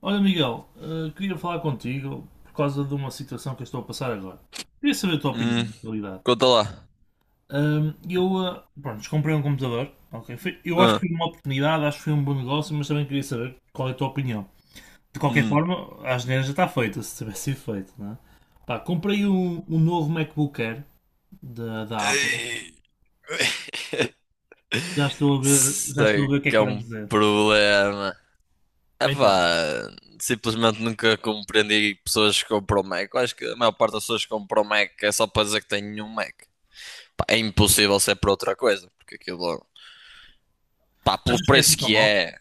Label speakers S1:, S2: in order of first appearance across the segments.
S1: Olha, Miguel, queria falar contigo por causa de uma situação que eu estou a passar agora. Queria saber a tua opinião,
S2: Hum,
S1: na realidade.
S2: conta lá.
S1: Pronto, comprei um computador, ok? Eu acho que
S2: Ah,
S1: foi uma oportunidade, acho que foi um bom negócio, mas também queria saber qual é a tua opinião. De qualquer
S2: hum.
S1: forma, a asneira já está feita, se tivesse sido feito, não é? Pá, comprei um novo MacBook Air da Apple.
S2: Ei,
S1: Já estou a ver, já estou a
S2: sei
S1: ver o que é
S2: que
S1: que
S2: é
S1: vais
S2: um
S1: dizer.
S2: problema.
S1: Então,
S2: Epá, simplesmente nunca compreendi pessoas que compram Mac. Eu acho que a maior parte das pessoas que compram Mac é só para dizer que têm um Mac. Pá, é impossível ser para outra coisa, porque aquilo, pá, pelo
S1: achas que é assim
S2: preço
S1: tão
S2: que
S1: mal?
S2: é,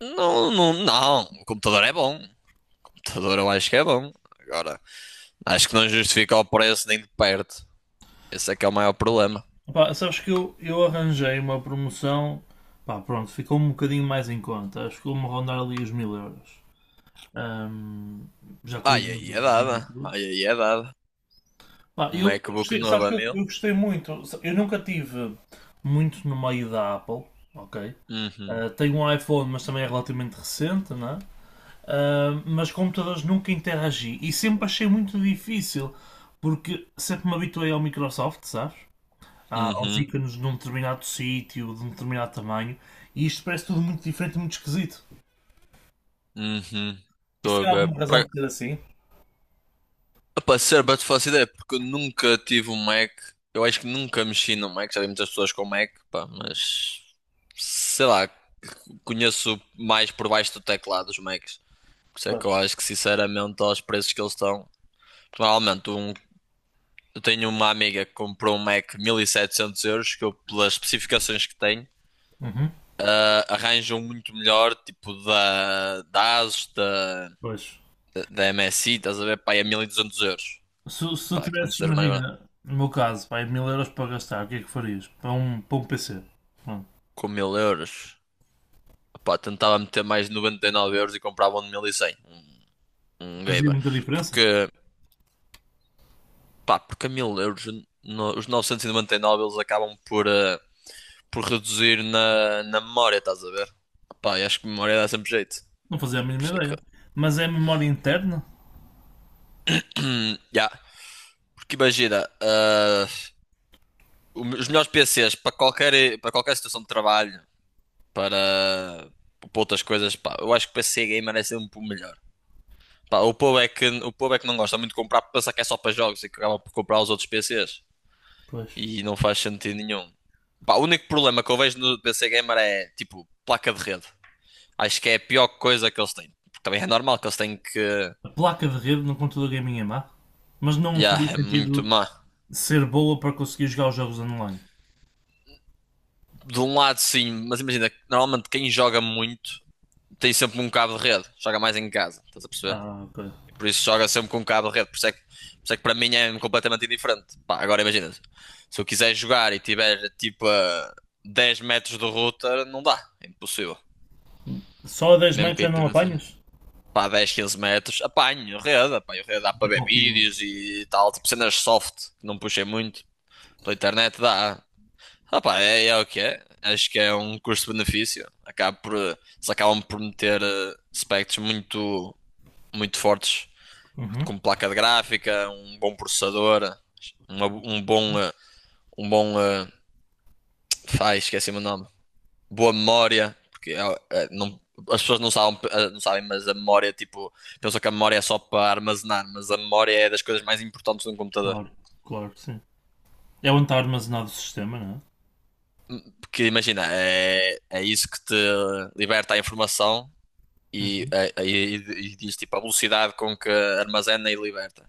S2: não, não, não. O computador é bom. O computador eu acho que é bom. Agora, acho que não justifica o preço nem de perto. Esse é que é o maior problema.
S1: Pá, sabes que eu arranjei uma promoção, pá, pronto, ficou um bocadinho mais em conta, acho que vou-me rondar ali os 1000 euros, Ahm, já com o
S2: Ai,
S1: IVA
S2: aí é
S1: reduzido
S2: dada.
S1: e tudo.
S2: Ai, aí é dada.
S1: Pá,
S2: Um
S1: eu
S2: MacBook
S1: gostei,
S2: novo
S1: sabes
S2: a
S1: que eu,
S2: 1.000?
S1: eu gostei muito, eu nunca tive muito no meio da Apple, ok?
S2: Uhum,
S1: Ah, tenho um iPhone, mas também é relativamente recente, não é? Ah, mas computadores nunca interagi e sempre achei muito difícil, porque sempre me habituei ao Microsoft, sabes? Aos
S2: uhum,
S1: ícones de um determinado sítio, de um determinado tamanho, e isto parece tudo muito diferente e muito esquisito.
S2: uhum.
S1: Isso
S2: Estou a
S1: tem
S2: ver.
S1: alguma razão de ser assim?
S2: Opa, sério, para te faço ideia, porque eu nunca tive um Mac. Eu acho que nunca mexi no Mac. Já vi muitas pessoas com Mac, pá, mas sei lá, conheço mais por baixo do teclado os Macs. Por isso é que
S1: Pois.
S2: eu acho que, sinceramente, aos preços que eles estão. Normalmente, eu tenho uma amiga que comprou um Mac 1.700 euros, que eu, pelas especificações que tem,
S1: Uhum.
S2: arranjam muito melhor, tipo da ASUS, da.
S1: Pois.
S2: da da MSI, estás a ver? Pá, é 1.200 euros.
S1: Se tu
S2: Pá,
S1: tivesses,
S2: 500 euros mais barato.
S1: imagina, no meu caso, pá, 1000 euros para gastar, o que é que farias? Para um PC? Pronto.
S2: Com 1.000 euros. Pá, tentava meter mais de 99 euros e comprava um de 1.100. Um
S1: Fazia
S2: gamer.
S1: muita diferença?
S2: Porque, porque a 1000 euros, os 999 eles acabam por reduzir na memória, estás a ver? Pá, eu acho que memória dá sempre jeito.
S1: Não fazia a
S2: Por
S1: mínima
S2: isso é que...
S1: ideia. Mas é a memória interna?
S2: Ya, porque imagina, os melhores PCs para qualquer situação de trabalho, para, para outras coisas, pá, eu acho que PC gamer é sempre o melhor. Pá, o povo é que não gosta muito de comprar, porque pensa que é só para jogos e que acaba por comprar os outros PCs.
S1: Pois.
S2: E não faz sentido nenhum. Pá, o único problema que eu vejo no PC gamer é, tipo, placa de rede. Acho que é a pior coisa que eles têm. Porque também é normal que eles têm que...
S1: A placa de rede no computador gaming é má? Mas não faria
S2: Yeah, é muito
S1: sentido
S2: má.
S1: ser boa para conseguir jogar os jogos online.
S2: De um lado, sim, mas imagina, normalmente quem joga muito tem sempre um cabo de rede. Joga mais em casa, estás a perceber?
S1: Ah, ok.
S2: E por isso joga sempre com um cabo de rede. Por isso é que para mim é completamente indiferente. Pá, agora imagina, se eu quiser jogar e tiver tipo a 10 metros do router, não dá. É impossível.
S1: Só a 10
S2: Mesmo
S1: metros
S2: que a
S1: já não
S2: internet seja
S1: apanhas?
S2: pá, 10, 15 metros, apanho rede. Apanho rede, dá para
S1: É
S2: ver
S1: pouquinho.
S2: vídeos e tal. Tipo cenas soft, que não puxei muito. Pela internet dá. Ah, pá, é, é o que é. Acho que é um custo-benefício. Eles acabam por meter aspectos muito, muito fortes
S1: Uhum.
S2: como placa de gráfica, um bom processador, uma- um bom, eh, um bom, ai, esqueci-me o nome, boa memória, porque as pessoas não sabem, não sabem, mas a memória, tipo, pensam que a memória é só para armazenar, mas a memória é das coisas mais importantes de um computador.
S1: Claro, claro, sim. É onde está armazenado o sistema, não
S2: Porque imagina, é isso que te liberta a informação
S1: é?
S2: e,
S1: Uhum.
S2: eh, e, e diz tipo a velocidade com que armazena e liberta.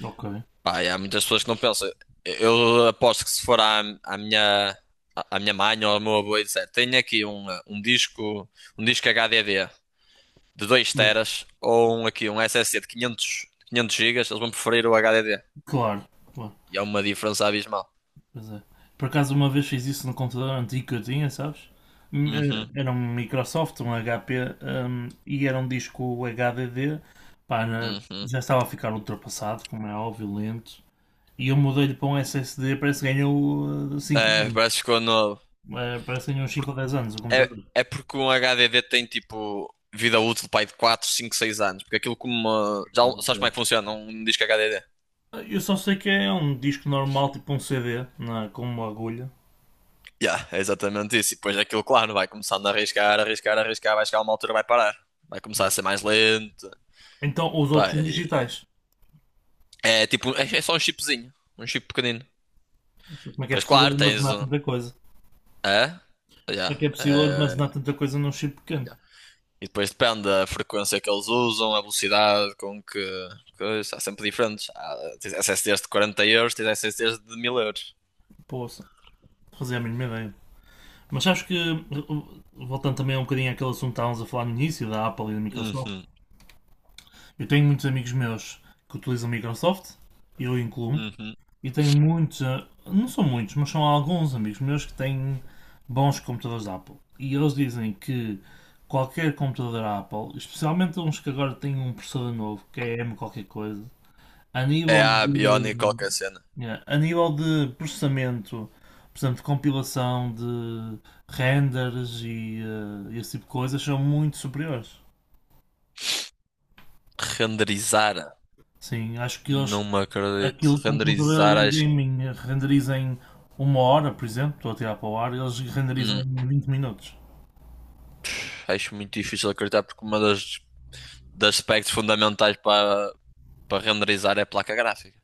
S1: É? Ok.
S2: Pá, e há muitas pessoas que não pensam. Eu aposto que se for à minha mãe ou ao meu avô e disser, tenho aqui um disco HDD de dois
S1: Mas
S2: teras ou aqui um SSD de 500 gigas, eles vão preferir o HDD.
S1: claro, claro,
S2: E é uma diferença abismal.
S1: pois é. Por acaso uma vez fiz isso no computador antigo que eu tinha, sabes? Hum,
S2: Uhum,
S1: eh, Era um Microsoft, um HP, e era um disco HDD, pá,
S2: uhum.
S1: já estava a ficar ultrapassado, como é óbvio, lento. E eu mudei-lhe para um SSD, parece que ganhou 5
S2: É,
S1: anos.
S2: parece que ficou novo.
S1: Parece que ganhou uns 5
S2: Porque,
S1: ou 10 anos o
S2: é,
S1: computador.
S2: é porque um HDD tem tipo vida útil pai de 4 5 6 anos. Porque aquilo como. Já sabes como é que funciona um disco HDD?
S1: Eu só sei que é um disco normal, tipo um CD, com uma agulha.
S2: Yeah, é exatamente isso. E depois aquilo, claro, vai começando a arriscar, arriscar, arriscar, vai chegar a uma altura, vai parar. Vai começar a
S1: Mas-
S2: ser mais lento.
S1: Então os
S2: Pá,
S1: outros são digitais.
S2: é tipo, é só um chipzinho, um chip pequenino.
S1: Não sei como é que é
S2: Depois,
S1: possível
S2: claro, tens
S1: armazenar
S2: um.
S1: tanta coisa?
S2: É?
S1: Como é que
S2: Yeah,
S1: é possível armazenar
S2: é,
S1: tanta coisa num chip pequeno?
S2: yeah. E depois depende da frequência que eles usam, a velocidade com que. Coisa, há sempre diferentes. Tens SSDs de 40 euros, tens SSDs de 1.000 euros.
S1: Poxa, fazia a mínima ideia. Mas acho que, voltando também um bocadinho àquele assunto que estávamos a falar no início, da Apple e da Microsoft,
S2: Uhum,
S1: eu tenho muitos amigos meus que utilizam Microsoft, eu incluo-me.
S2: uhum.
S1: E tenho muitos, ah, não são muitos, mas são alguns amigos meus que têm bons computadores Apple. E eles dizem que qualquer computador Apple, especialmente uns que agora têm um processador novo, que é M qualquer coisa, a
S2: É
S1: nível
S2: a Bionic
S1: de,
S2: qualquer cena.
S1: yeah, a nível de processamento, por exemplo, de compilação, de renders e ah, esse tipo de coisas, são muito superiores.
S2: Renderizar.
S1: Sim, acho que eles,
S2: Não me acredito.
S1: aquilo com o computador
S2: Renderizar,
S1: gaming renderiza em uma hora, por exemplo, estou a tirar para o ar, eles renderizam
S2: Hum,
S1: em 20 minutos.
S2: acho muito difícil acreditar porque uma das aspectos fundamentais para renderizar é a placa gráfica.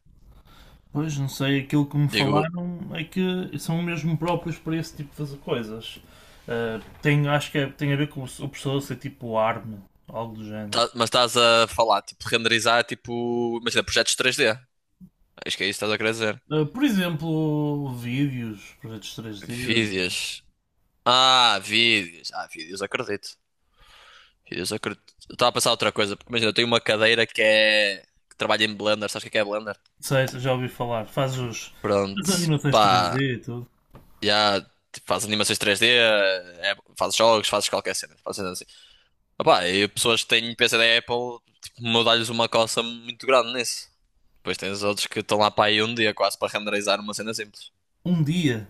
S1: Pois, não sei, aquilo que me
S2: Digo,
S1: falaram é que são mesmo próprios para esse tipo de coisas. Ah, tem, tem a ver com o processador ser tipo ARM, algo do género.
S2: mas estás a falar, tipo, renderizar, tipo, imagina, projetos 3D. Acho que é isso que estás a querer dizer.
S1: Ah, por exemplo, vídeos, projetos três d.
S2: Vídeos. Ah, vídeos. Ah, vídeos, acredito. Vídeos, acredito. Eu estava a pensar outra coisa, porque imagina, eu tenho uma cadeira que trabalha em Blender, sabes o que é Blender?
S1: Sei, já ouvi falar, faz os, as
S2: Pronto,
S1: animações três
S2: pá,
S1: d e tudo.
S2: já, tipo, faz animações 3D é, faz jogos, fazes qualquer cena, faz. Opá, e pessoas que têm PC da Apple, tipo, mudar-lhes uma coça muito grande nisso. Depois tens outros que estão lá para aí um dia quase para renderizar uma cena simples.
S1: Um dia.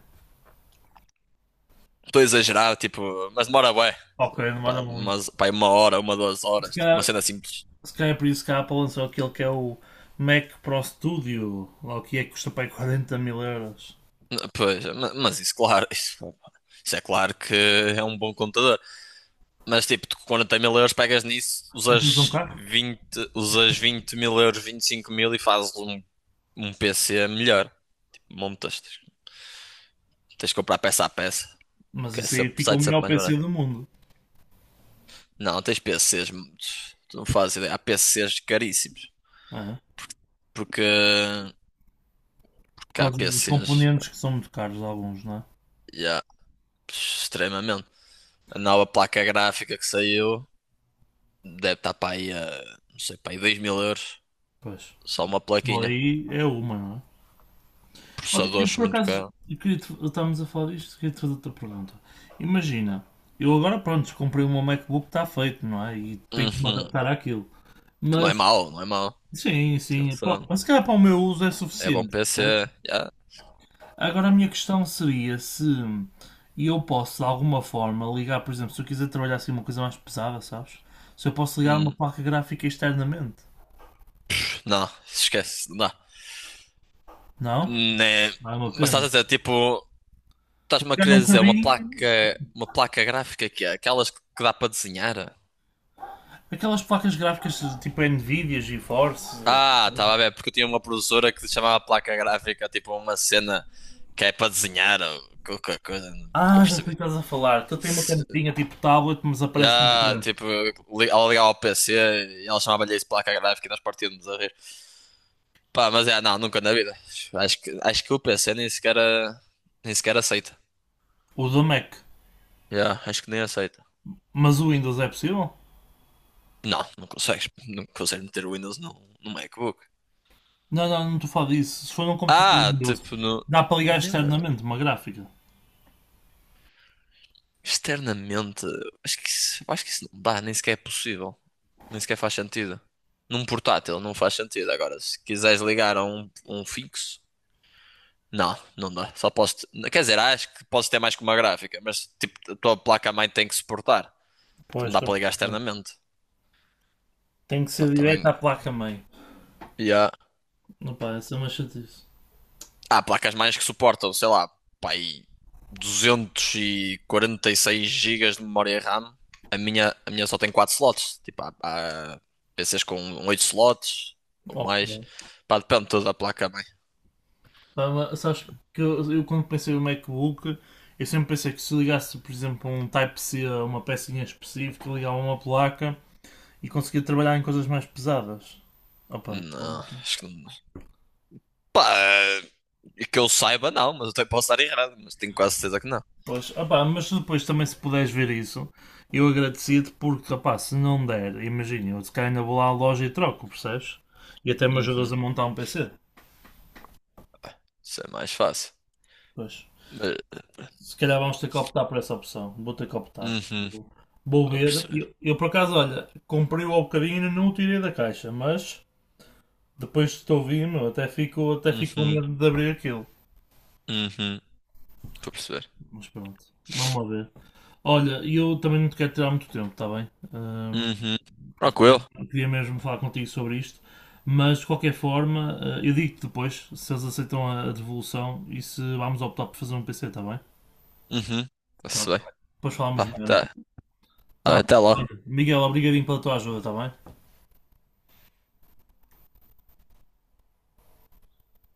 S2: Estou a exagerar, tipo, mas demora bué.
S1: Ok,
S2: Pá,
S1: demora muito.
S2: pá, aí 1 hora, uma, duas
S1: Se
S2: horas, tipo, uma
S1: calhar,
S2: cena simples.
S1: se calhar é por isso que a Apple lançou aquele que é o Mac Pro Studio, lá o que é que custa para aí 40 mil euros.
S2: Pois, mas isso, claro, isso é claro que é um bom computador. Mas tipo, tu com 40 mil euros pegas nisso,
S1: Compras um carro?
S2: usas 20.000 euros, 25.000 e fazes um PC melhor. Tipo, montas, tens que comprar peça a peça.
S1: Mas
S2: Que é
S1: isso aí fica o
S2: site sup
S1: melhor
S2: mais
S1: PC
S2: barato.
S1: do mundo,
S2: Não, tens PCs. Tu não fazes ideia. Há PCs caríssimos.
S1: não é?
S2: Porque,
S1: Por
S2: porque há
S1: causa dos
S2: PCs.
S1: componentes que são muito caros, alguns, não é?
S2: Já, extremamente. A nova placa gráfica que saiu deve estar para aí a. Não sei, para aí 2.000 euros.
S1: Pois.
S2: Só uma
S1: Se for
S2: plaquinha.
S1: aí, é uma, não é? eu,
S2: Processadores
S1: por
S2: muito
S1: acaso,
S2: caro.
S1: eu queria te- estávamos a falar disto, queria te fazer outra pergunta. Imagina, eu agora, pronto, comprei o meu MacBook, está feito, não é? E tenho que me
S2: Uhum.
S1: adaptar àquilo.
S2: Que não
S1: Mas,
S2: é mau, não é mau.
S1: sim, sim, pá,
S2: Atenção.
S1: mas se calhar para o meu uso é
S2: É bom
S1: suficiente,
S2: PC.
S1: percebes?
S2: Já.
S1: Agora a minha questão seria se eu posso, de alguma forma, ligar, por exemplo, se eu quiser trabalhar assim uma coisa mais pesada, sabes? Se eu posso ligar uma
S2: Hum,
S1: placa gráfica externamente.
S2: Não, esquece. Não.
S1: Não?
S2: Né.
S1: Não é uma
S2: Mas estás
S1: pena.
S2: a dizer tipo. Estás-me a
S1: Ligar
S2: querer
S1: um
S2: dizer
S1: cabinho.
S2: uma placa gráfica que é aquelas que dá para desenhar?
S1: Aquelas placas gráficas tipo Nvidia, GeForce.
S2: Ah, estava a ver, porque eu tinha uma professora que se chamava placa gráfica, tipo uma cena que é para desenhar ou qualquer coisa, nunca
S1: Ah, já sei
S2: percebi.
S1: o que estás a falar. Tu tem uma canetinha tipo tablet, mas aparece no
S2: Ah,
S1: ecrã.
S2: tipo, ela ligava ao PC e ela chamava-lhe isso placa gráfica e nós partíamos a rir. Pá, mas é, não, nunca na vida. Acho que o PC nem sequer, nem sequer aceita.
S1: O do Mac.
S2: Yeah, acho que nem aceita.
S1: Mas o Windows é possível?
S2: Não, não consegues, não consegues meter o Windows no MacBook.
S1: Não, não estou a falar disso. Se for num computador
S2: Ah,
S1: Windows,
S2: tipo, no...
S1: dá para ligar
S2: mesmo
S1: externamente uma gráfica.
S2: externamente, acho que isso não dá, nem sequer é possível. Nem sequer faz sentido. Num portátil não faz sentido. Agora, se quiseres ligar a um fixo, não, não dá. Só posso. Quer dizer, acho que posso ter mais que uma gráfica, mas tipo, a tua placa-mãe tem que suportar, porque
S1: Pois,
S2: não dá
S1: estou a
S2: para ligar
S1: perceber.
S2: externamente.
S1: Tem que
S2: Pá,
S1: ser
S2: também.
S1: direto à placa-mãe.
S2: Yeah.
S1: Não pá, isso é uma chatice.
S2: Há placas mães que suportam, sei lá, pá, aí 246 gigas de memória RAM. A minha só tem 4 slots. Tipo, há PCs com 8 slots ou
S1: Oh,
S2: mais.
S1: pá.
S2: Pá, depende toda da placa mãe.
S1: Pá, mas sabes que eu quando pensei no MacBook, eu sempre pensei que se ligasse, por exemplo, um Type-C a uma pecinha específica, ligava uma placa e conseguia trabalhar em coisas mais pesadas. Opa,
S2: Não, acho que não. Pá, que eu saiba, não, mas eu até posso estar errado, mas tenho quase certeza que não.
S1: pois, ó, pá, mas depois também se puderes ver isso, eu agradecia-te porque, rapaz, se não der, imagina, eu se calhar ainda vou lá à loja e troco, percebes? E até me ajudas a
S2: Uhum,
S1: montar um PC.
S2: isso é mais fácil.
S1: Pois.
S2: Mas,
S1: Se calhar vamos ter que optar por essa opção. Vou ter que optar.
S2: uhum,
S1: Vou
S2: estou a
S1: ver.
S2: perceber.
S1: Por acaso, olha, comprei-o ao bocadinho e não o tirei da caixa, mas depois que estou vindo, até fico com
S2: Uhum,
S1: medo de abrir aquilo.
S2: uhum, estou a perceber.
S1: Mas pronto, vamos lá ver. Olha, e eu também não te quero tirar muito tempo, está bem?
S2: Uhum, tranquilo.
S1: Eu queria mesmo falar contigo sobre isto, mas de qualquer forma, eu digo-te depois se eles aceitam a devolução e se vamos optar por fazer um PC, está bem?
S2: Uhum, está-se
S1: Pronto,
S2: bem.
S1: depois falamos
S2: Pá,
S1: melhor então.
S2: tá.
S1: Tá.
S2: Até lá.
S1: Miguel, obrigadinho pela tua ajuda, está bem?